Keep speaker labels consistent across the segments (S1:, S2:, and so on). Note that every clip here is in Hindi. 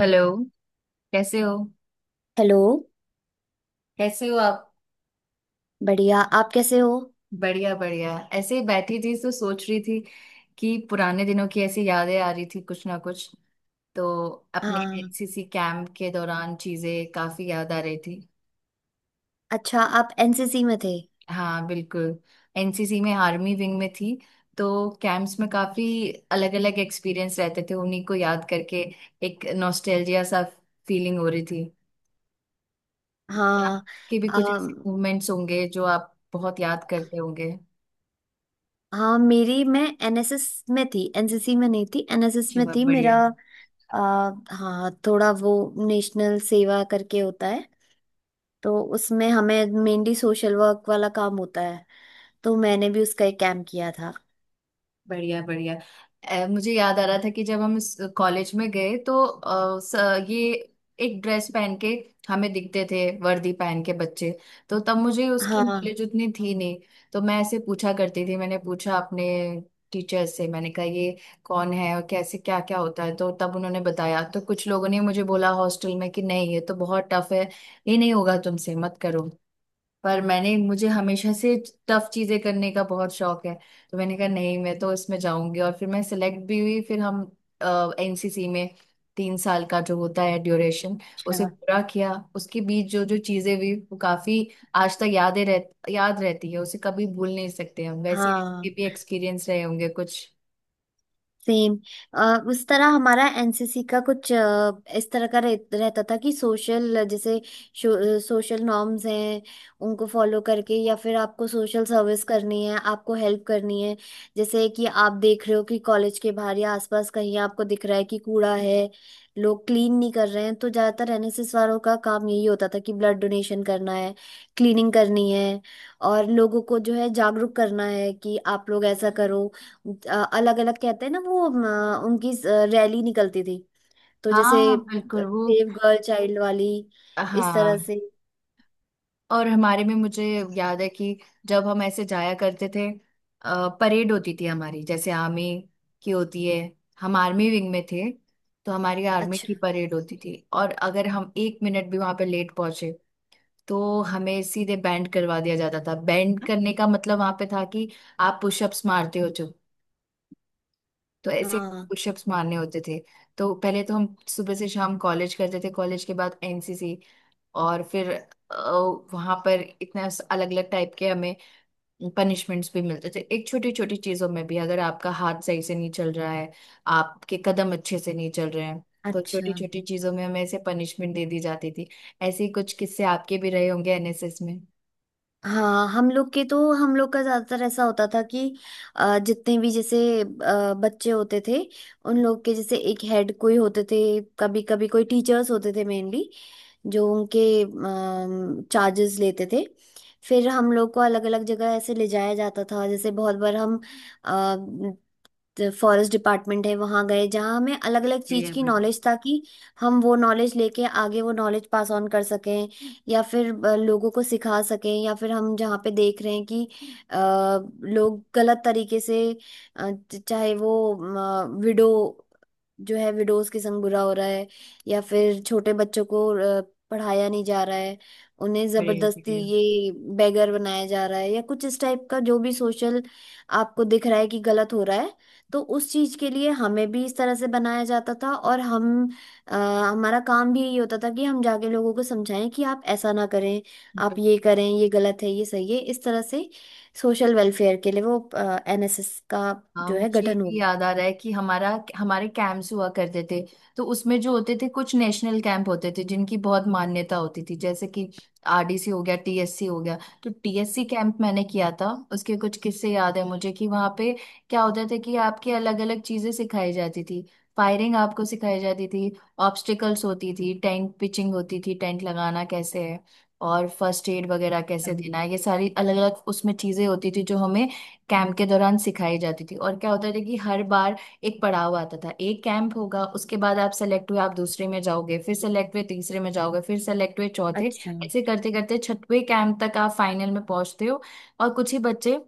S1: हेलो। कैसे हो?
S2: हेलो।
S1: कैसे हो आप?
S2: बढ़िया, आप कैसे हो?
S1: बढ़िया बढ़िया, ऐसे ही बैठी थी तो सोच रही थी कि पुराने दिनों की ऐसी यादें आ रही थी कुछ ना कुछ, तो अपने
S2: हाँ।
S1: एनसीसी कैंप के दौरान चीजें काफी याद आ रही थी।
S2: अच्छा, आप एनसीसी में थे?
S1: हाँ बिल्कुल। एनसीसी में आर्मी विंग में थी, तो कैंप्स में काफी अलग अलग एक्सपीरियंस रहते थे, उन्हीं को याद करके एक नॉस्टैल्जिया सा फीलिंग हो रही थी। और
S2: हाँ।
S1: आपके भी कुछ ऐसे
S2: अम,
S1: मूवमेंट्स होंगे जो आप बहुत याद करते होंगे।
S2: हाँ, मेरी मैं एनएसएस में थी, एनसीसी में नहीं थी, एनएसएस में
S1: चलो
S2: थी।
S1: बढ़िया।
S2: हाँ, थोड़ा वो नेशनल सेवा करके होता है। तो उसमें हमें मेनली सोशल वर्क वाला काम होता है। तो मैंने भी उसका एक कैम्प किया था।
S1: बढ़िया बढ़िया। मुझे याद आ रहा था कि जब हम इस कॉलेज में गए तो ये एक ड्रेस पहन के हमें दिखते थे, वर्दी पहन के बच्चे। तो तब मुझे उसकी
S2: हाँ।
S1: नॉलेज उतनी थी नहीं, तो मैं ऐसे पूछा करती थी। मैंने पूछा अपने टीचर से, मैंने कहा ये कौन है और कैसे क्या क्या होता है, तो तब उन्होंने बताया। तो कुछ लोगों ने मुझे बोला हॉस्टल में कि नहीं, ये तो बहुत टफ है, ये नहीं होगा तुमसे, मत करो। पर मैंने, मुझे हमेशा से टफ चीजें करने का बहुत शौक है, तो मैंने कहा नहीं, मैं तो इसमें जाऊंगी। और फिर मैं सिलेक्ट भी हुई, फिर हम एनसीसी में 3 साल का जो होता है ड्यूरेशन उसे
S2: अच्छा।
S1: पूरा किया। उसके बीच जो जो चीजें हुई वो काफी आज तक यादें रह याद रहती है, उसे कभी भूल नहीं सकते हम। वैसे ही आपके
S2: हाँ,
S1: भी एक्सपीरियंस रहे होंगे कुछ।
S2: सेम। उस तरह हमारा एनसीसी का कुछ इस तरह का रहता था कि सोशल, जैसे सोशल नॉर्म्स हैं उनको फॉलो करके, या फिर आपको सोशल सर्विस करनी है, आपको हेल्प करनी है। जैसे कि आप देख रहे हो कि कॉलेज के बाहर या आसपास कहीं आपको दिख रहा है कि कूड़ा है, लोग क्लीन नहीं कर रहे हैं, तो ज्यादातर एनएसएस वालों का काम यही होता था कि ब्लड डोनेशन करना है, क्लीनिंग करनी है, और लोगों को जो है जागरूक करना है कि आप लोग ऐसा करो। अलग अलग कहते हैं ना, वो उनकी रैली निकलती थी। तो जैसे
S1: हाँ बिल्कुल। वो
S2: सेव गर्ल चाइल्ड वाली, इस तरह
S1: हाँ।
S2: से।
S1: और हमारे में, मुझे याद है कि जब हम ऐसे जाया करते थे, परेड होती थी हमारी जैसे आर्मी की होती है, हम आर्मी विंग में थे। तो हमारी आर्मी की
S2: अच्छा।
S1: परेड होती थी, और अगर हम 1 मिनट भी वहां पे लेट पहुंचे तो हमें सीधे बैंड करवा दिया जाता था। बैंड करने का मतलब वहां पे था कि आप पुशअप्स मारते हो जो, तो ऐसे
S2: हाँ।
S1: पुशअप्स मारने होते थे। तो पहले तो हम सुबह से शाम कॉलेज करते थे, कॉलेज के बाद एनसीसी, और फिर वहां पर इतना अलग अलग टाइप के हमें पनिशमेंट्स भी मिलते थे। एक छोटी छोटी चीजों में भी, अगर आपका हाथ सही से नहीं चल रहा है, आपके कदम अच्छे से नहीं चल रहे हैं, तो छोटी
S2: अच्छा।
S1: छोटी चीजों में हमें ऐसे पनिशमेंट दे दी जाती थी। ऐसे ही कुछ किस्से आपके भी रहे होंगे एनएसएस में।
S2: हाँ, हम लोग के तो, हम लोग का ज्यादातर ऐसा होता था कि जितने भी जैसे बच्चे होते थे, उन लोग के जैसे एक हेड कोई होते थे, कभी कभी कोई टीचर्स होते थे मेनली, जो उनके चार्जेस लेते थे। फिर हम लोग को अलग अलग जगह ऐसे ले जाया जाता था, जैसे बहुत बार हम फॉरेस्ट डिपार्टमेंट है वहाँ गए, जहाँ हमें अलग अलग चीज़
S1: बढ़िया
S2: की
S1: भाई।
S2: नॉलेज, ताकि हम वो नॉलेज लेके आगे वो नॉलेज पास ऑन कर सकें, या फिर लोगों को सिखा सकें। या फिर हम जहाँ पे देख रहे हैं कि लोग गलत तरीके से, अ, चाहे वो विडो जो है, विडोज के संग बुरा हो रहा है, या फिर छोटे बच्चों को अ, पढ़ाया नहीं जा रहा है, उन्हें
S1: बढ़िया
S2: जबरदस्ती
S1: बढ़िया।
S2: ये बेगर बनाया जा रहा है, या कुछ इस टाइप का जो भी सोशल आपको दिख रहा है कि गलत हो रहा है, तो उस चीज के लिए हमें भी इस तरह से बनाया जाता था। और हम, हमारा काम भी यही होता था कि हम जाके लोगों को समझाएं कि आप ऐसा ना करें, आप ये करें, ये गलत है ये सही है, इस तरह से सोशल वेलफेयर के लिए वो एनएसएस का
S1: हाँ
S2: जो है
S1: मुझे
S2: गठन हुआ।
S1: भी याद आ रहा है कि हमारा, हमारे कैंप्स हुआ करते थे, तो उसमें जो होते थे कुछ नेशनल कैंप होते थे जिनकी बहुत मान्यता होती थी, जैसे कि आरडीसी हो गया, टीएससी हो गया। तो टीएससी कैंप मैंने किया था, उसके कुछ किस्से याद है मुझे कि वहाँ पे क्या होता था कि आपकी अलग अलग चीजें सिखाई जाती थी। फायरिंग आपको सिखाई जाती थी, ऑब्स्टिकल्स होती थी, टेंट पिचिंग होती थी, टेंट लगाना कैसे है, और फर्स्ट एड वगैरह कैसे देना है, ये सारी अलग अलग उसमें चीजें होती थी जो हमें कैंप के दौरान सिखाई जाती थी। और क्या होता था कि हर बार एक पड़ाव आता था, एक कैंप होगा उसके बाद आप सेलेक्ट हुए आप दूसरे में जाओगे, फिर सेलेक्ट हुए तीसरे में जाओगे, फिर सेलेक्ट हुए चौथे,
S2: अच्छा।
S1: ऐसे करते करते छठवें कैंप तक आप फाइनल में पहुंचते हो। और कुछ ही बच्चे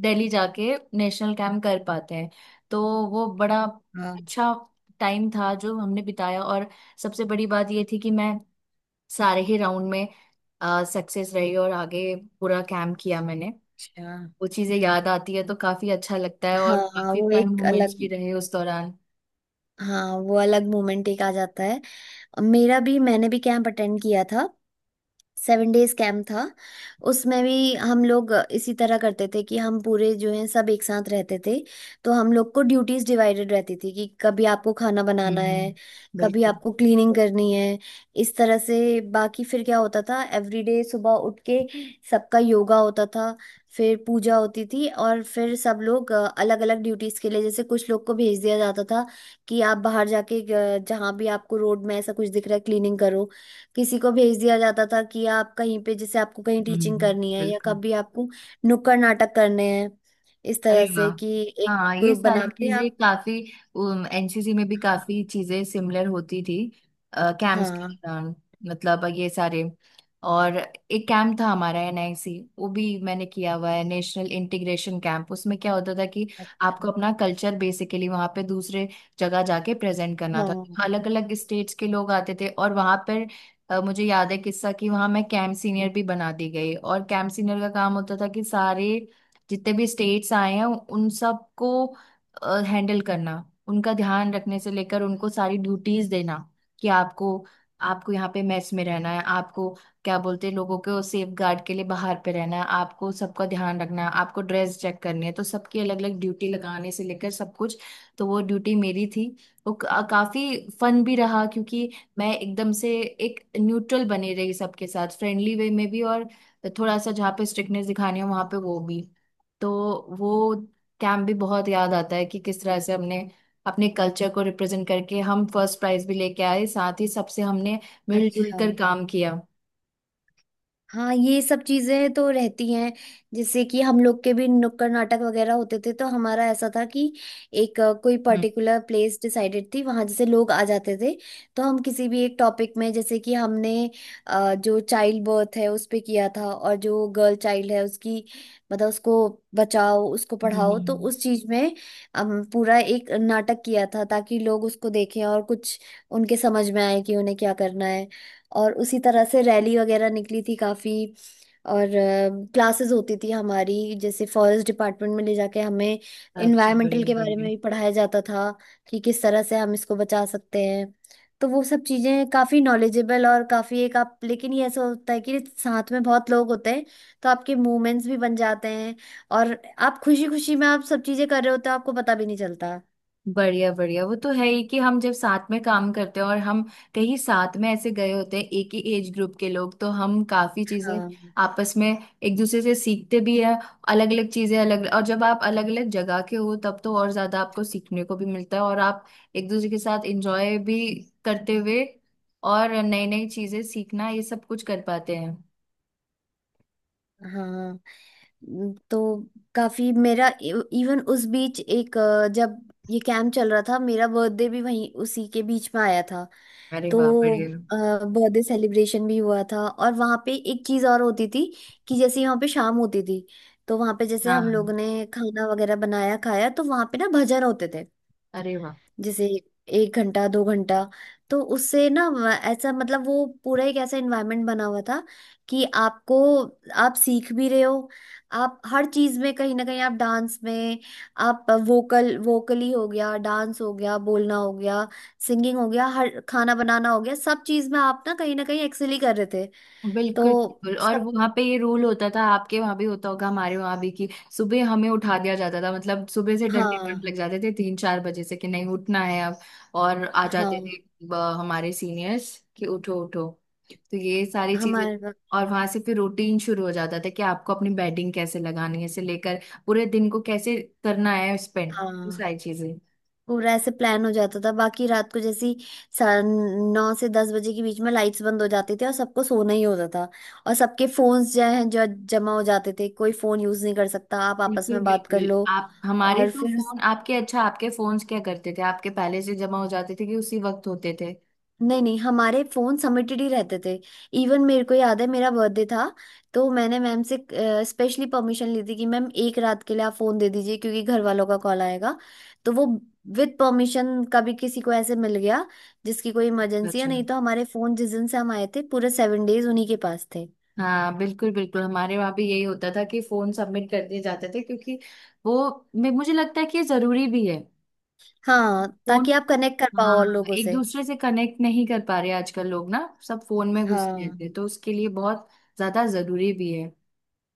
S1: दिल्ली जाके नेशनल कैंप कर पाते हैं। तो वो बड़ा
S2: हाँ।
S1: अच्छा टाइम था जो हमने बिताया। और सबसे बड़ी बात ये थी कि मैं सारे ही राउंड में सक्सेस रही, और आगे पूरा कैंप किया मैंने।
S2: अच्छा।
S1: वो चीजें याद आती है तो काफी अच्छा लगता है, और
S2: हाँ,
S1: काफी
S2: वो
S1: फन
S2: एक
S1: मोमेंट्स भी
S2: अलग,
S1: रहे उस दौरान।
S2: हाँ वो अलग मोमेंट एक आ जाता है। मेरा भी, मैंने भी कैंप अटेंड किया था। 7 डेज कैंप था। उसमें भी हम लोग इसी तरह करते थे कि हम पूरे जो हैं सब एक साथ रहते थे। तो हम लोग को ड्यूटीज डिवाइडेड रहती थी कि कभी आपको खाना बनाना है, कभी
S1: बिल्कुल।
S2: आपको क्लीनिंग करनी है, इस तरह से। बाकी फिर क्या होता था, एवरीडे सुबह उठ के सबका योगा होता था, फिर पूजा होती थी, और फिर सब लोग अलग अलग ड्यूटीज के लिए, जैसे कुछ लोग को भेज दिया जाता था कि आप बाहर जाके जहाँ भी आपको रोड में ऐसा कुछ दिख रहा है क्लीनिंग करो, किसी को भेज दिया जाता था कि आप कहीं पे, जैसे आपको कहीं टीचिंग
S1: हम्म
S2: करनी है, या
S1: बिल्कुल।
S2: कभी आपको नुक्कड़ नाटक करने हैं, इस
S1: अरे
S2: तरह से
S1: वाह।
S2: कि एक
S1: हाँ ये
S2: ग्रुप बना
S1: सारी
S2: के
S1: चीजें
S2: आप।
S1: काफी एनसीसी में भी काफी चीजें सिमिलर होती थी कैंप्स के
S2: हाँ।
S1: दौरान, मतलब ये सारे। और एक कैंप था हमारा एनआईसी, वो भी मैंने किया हुआ है, नेशनल इंटीग्रेशन कैंप। उसमें क्या होता था कि
S2: अच्छा।
S1: आपको अपना कल्चर बेसिकली वहाँ पे दूसरे जगह जाके प्रेजेंट करना था।
S2: हाँ।
S1: अलग अलग स्टेट्स के लोग आते थे, और वहाँ पर मुझे याद है किस्सा कि वहाँ मैं कैंप सीनियर भी बना दी गई। और कैंप सीनियर का काम होता था कि सारे जितने भी स्टेट्स आए हैं उन सबको हैंडल करना, उनका ध्यान रखने से लेकर उनको सारी ड्यूटीज देना, कि आपको, आपको यहाँ पे मेस में रहना है, आपको क्या बोलते हैं लोगों को सेफ गार्ड के लिए बाहर पे रहना है, आपको सबका ध्यान रखना है, आपको ड्रेस चेक करनी है, तो सबकी अलग अलग ड्यूटी लगाने से लेकर सब कुछ। तो वो ड्यूटी मेरी थी। वो काफी फन भी रहा, क्योंकि मैं एकदम से एक न्यूट्रल बनी रही सबके साथ, फ्रेंडली वे में भी, और थोड़ा सा जहाँ पे स्ट्रिक्टनेस दिखानी है वहां पे वो भी। तो वो कैंप भी बहुत याद आता है कि किस तरह से हमने अपने कल्चर को रिप्रेजेंट करके हम फर्स्ट प्राइज भी लेके आए, साथ ही सबसे हमने मिलजुल
S2: अच्छा।
S1: कर काम किया।
S2: हाँ, ये सब चीजें तो रहती हैं। जैसे कि हम लोग के भी नुक्कड़ नाटक वगैरह होते थे, तो हमारा ऐसा था कि एक, कोई
S1: हम्म।
S2: पर्टिकुलर प्लेस डिसाइडेड थी, वहां जैसे लोग आ जाते थे, तो हम किसी भी एक टॉपिक में, जैसे कि हमने जो चाइल्ड बर्थ है उस पे किया था, और जो गर्ल चाइल्ड है उसकी मतलब उसको बचाओ उसको पढ़ाओ, तो
S1: हम्म।
S2: उस चीज में हम पूरा एक नाटक किया था, ताकि लोग उसको देखें और कुछ उनके समझ में आए कि उन्हें क्या करना है। और उसी तरह से रैली वगैरह निकली थी काफी। और क्लासेस होती थी हमारी, जैसे फॉरेस्ट डिपार्टमेंट में ले जाके हमें
S1: अच्छा
S2: इन्वायरमेंटल
S1: बढ़िया
S2: के बारे में
S1: बढ़िया।
S2: भी पढ़ाया जाता था कि किस तरह से हम इसको बचा सकते हैं। तो वो सब चीजें काफी नॉलेजेबल, और काफी एक आप, लेकिन ये ऐसा होता है कि साथ में बहुत लोग होते हैं, तो आपके मूवमेंट्स भी बन जाते हैं, और आप खुशी खुशी में आप सब चीजें कर रहे होते हो, आपको पता भी नहीं चलता।
S1: बढ़िया बढ़िया, वो तो है ही कि हम जब साथ में काम करते हैं और हम कहीं साथ में ऐसे गए होते हैं एक ही एज ग्रुप के लोग, तो हम काफी चीजें
S2: हाँ,
S1: आपस में एक दूसरे से सीखते भी हैं, अलग अलग चीजें अलग। और जब आप अलग अलग जगह के हो तब तो और ज्यादा आपको सीखने को भी मिलता है, और आप एक दूसरे के साथ एंजॉय भी करते हुए और नई नई चीजें सीखना ये सब कुछ कर पाते हैं।
S2: हाँ। तो काफी मेरा इवन उस बीच एक, जब ये कैंप चल रहा था मेरा बर्थडे भी वहीं उसी के बीच में आया था।
S1: अरे
S2: तो
S1: वाह बढ़िया।
S2: बर्थडे सेलिब्रेशन भी हुआ था, और वहाँ पे एक चीज़ और होती थी कि जैसे यहाँ पे शाम होती थी, तो वहाँ पे जैसे
S1: हाँ
S2: हम
S1: हाँ।
S2: लोग ने खाना वगैरह बनाया खाया तो वहाँ पे ना भजन होते थे,
S1: अरे वाह।
S2: जैसे 1 घंटा 2 घंटा। तो उससे ना ऐसा, मतलब वो पूरा एक ऐसा इन्वायरमेंट बना हुआ था कि आपको आप सीख भी रहे हो, आप हर चीज में कहीं ना कहीं, आप डांस में, आप वोकल, वोकली हो गया, डांस हो गया, बोलना हो गया, सिंगिंग हो गया, हर खाना बनाना हो गया, सब चीज में आप ना कहीं एक्सेल ही कर रहे थे।
S1: बिल्कुल
S2: तो
S1: बिल्कुल। और
S2: सब।
S1: वहां पे ये रूल होता था, आपके वहां भी होता होगा, हमारे वहां भी कि सुबह हमें उठा दिया जाता था। मतलब सुबह से डंडे डंड
S2: हाँ,
S1: लग जाते थे 3-4 बजे से, कि नहीं उठना है अब, और आ जाते
S2: हाँ।
S1: थे हमारे सीनियर्स कि उठो उठो। तो ये सारी चीजें।
S2: हमारे वक्त-
S1: और वहां से फिर रूटीन शुरू हो जाता था कि आपको अपनी बैटिंग कैसे लगानी है से लेकर पूरे दिन को कैसे करना है स्पेंड, वो
S2: हाँ,
S1: सारी चीजें।
S2: पूरा ऐसे प्लान हो जाता था। बाकी रात को जैसी, 9 से 10 बजे के बीच में लाइट्स बंद हो जाती थी, और सबको सोना ही होता था। और सबके फोन्स जो है जो जमा हो जाते थे, कोई फोन यूज नहीं कर सकता, आप आपस
S1: बिल्कुल
S2: में बात कर
S1: बिल्कुल।
S2: लो।
S1: आप हमारे
S2: और
S1: तो
S2: फिर
S1: फोन, आपके, अच्छा आपके फोन्स क्या करते थे आपके, पहले से जमा हो जाते थे कि उसी वक्त होते थे?
S2: नहीं नहीं, हमारे फोन सबमिटेड ही रहते थे। इवन मेरे को याद है मेरा बर्थडे था, तो मैंने मैम से स्पेशली परमिशन ली थी कि मैम एक रात के लिए आप फोन दे दीजिए क्योंकि घर वालों का कॉल आएगा। तो वो विद परमिशन कभी किसी को ऐसे मिल गया जिसकी कोई इमरजेंसी है,
S1: अच्छा।
S2: नहीं तो हमारे फोन जिस दिन से हम आए थे पूरे 7 डेज उन्हीं के पास थे।
S1: हाँ बिल्कुल बिल्कुल, हमारे वहाँ भी यही होता था कि फोन सबमिट कर दिए जाते थे, क्योंकि वो मुझे लगता है कि ये जरूरी भी है।
S2: हाँ,
S1: फोन,
S2: ताकि आप कनेक्ट कर पाओ और
S1: हाँ,
S2: लोगों
S1: एक
S2: से।
S1: दूसरे से कनेक्ट नहीं कर पा रहे आजकल लोग ना, सब फोन में घुसे रहते
S2: हाँ,
S1: हैं, तो उसके लिए बहुत ज्यादा जरूरी भी है।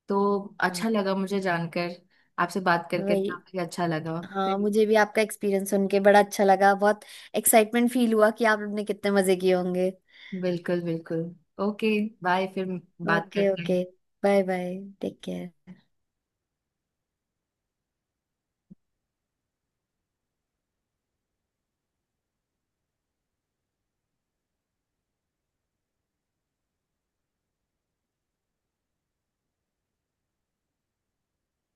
S1: तो
S2: हाँ।
S1: अच्छा लगा मुझे जानकर, आपसे बात करके
S2: वही।
S1: काफी अच्छा लगा
S2: हाँ,
S1: फिर।
S2: मुझे भी आपका एक्सपीरियंस सुन के बड़ा अच्छा लगा, बहुत एक्साइटमेंट फील हुआ कि आपने कितने मजे किए होंगे।
S1: बिल्कुल बिल्कुल। ओके। बाय फिर। बात
S2: ओके
S1: करते
S2: ओके।
S1: हैं।
S2: Bye bye. Take care.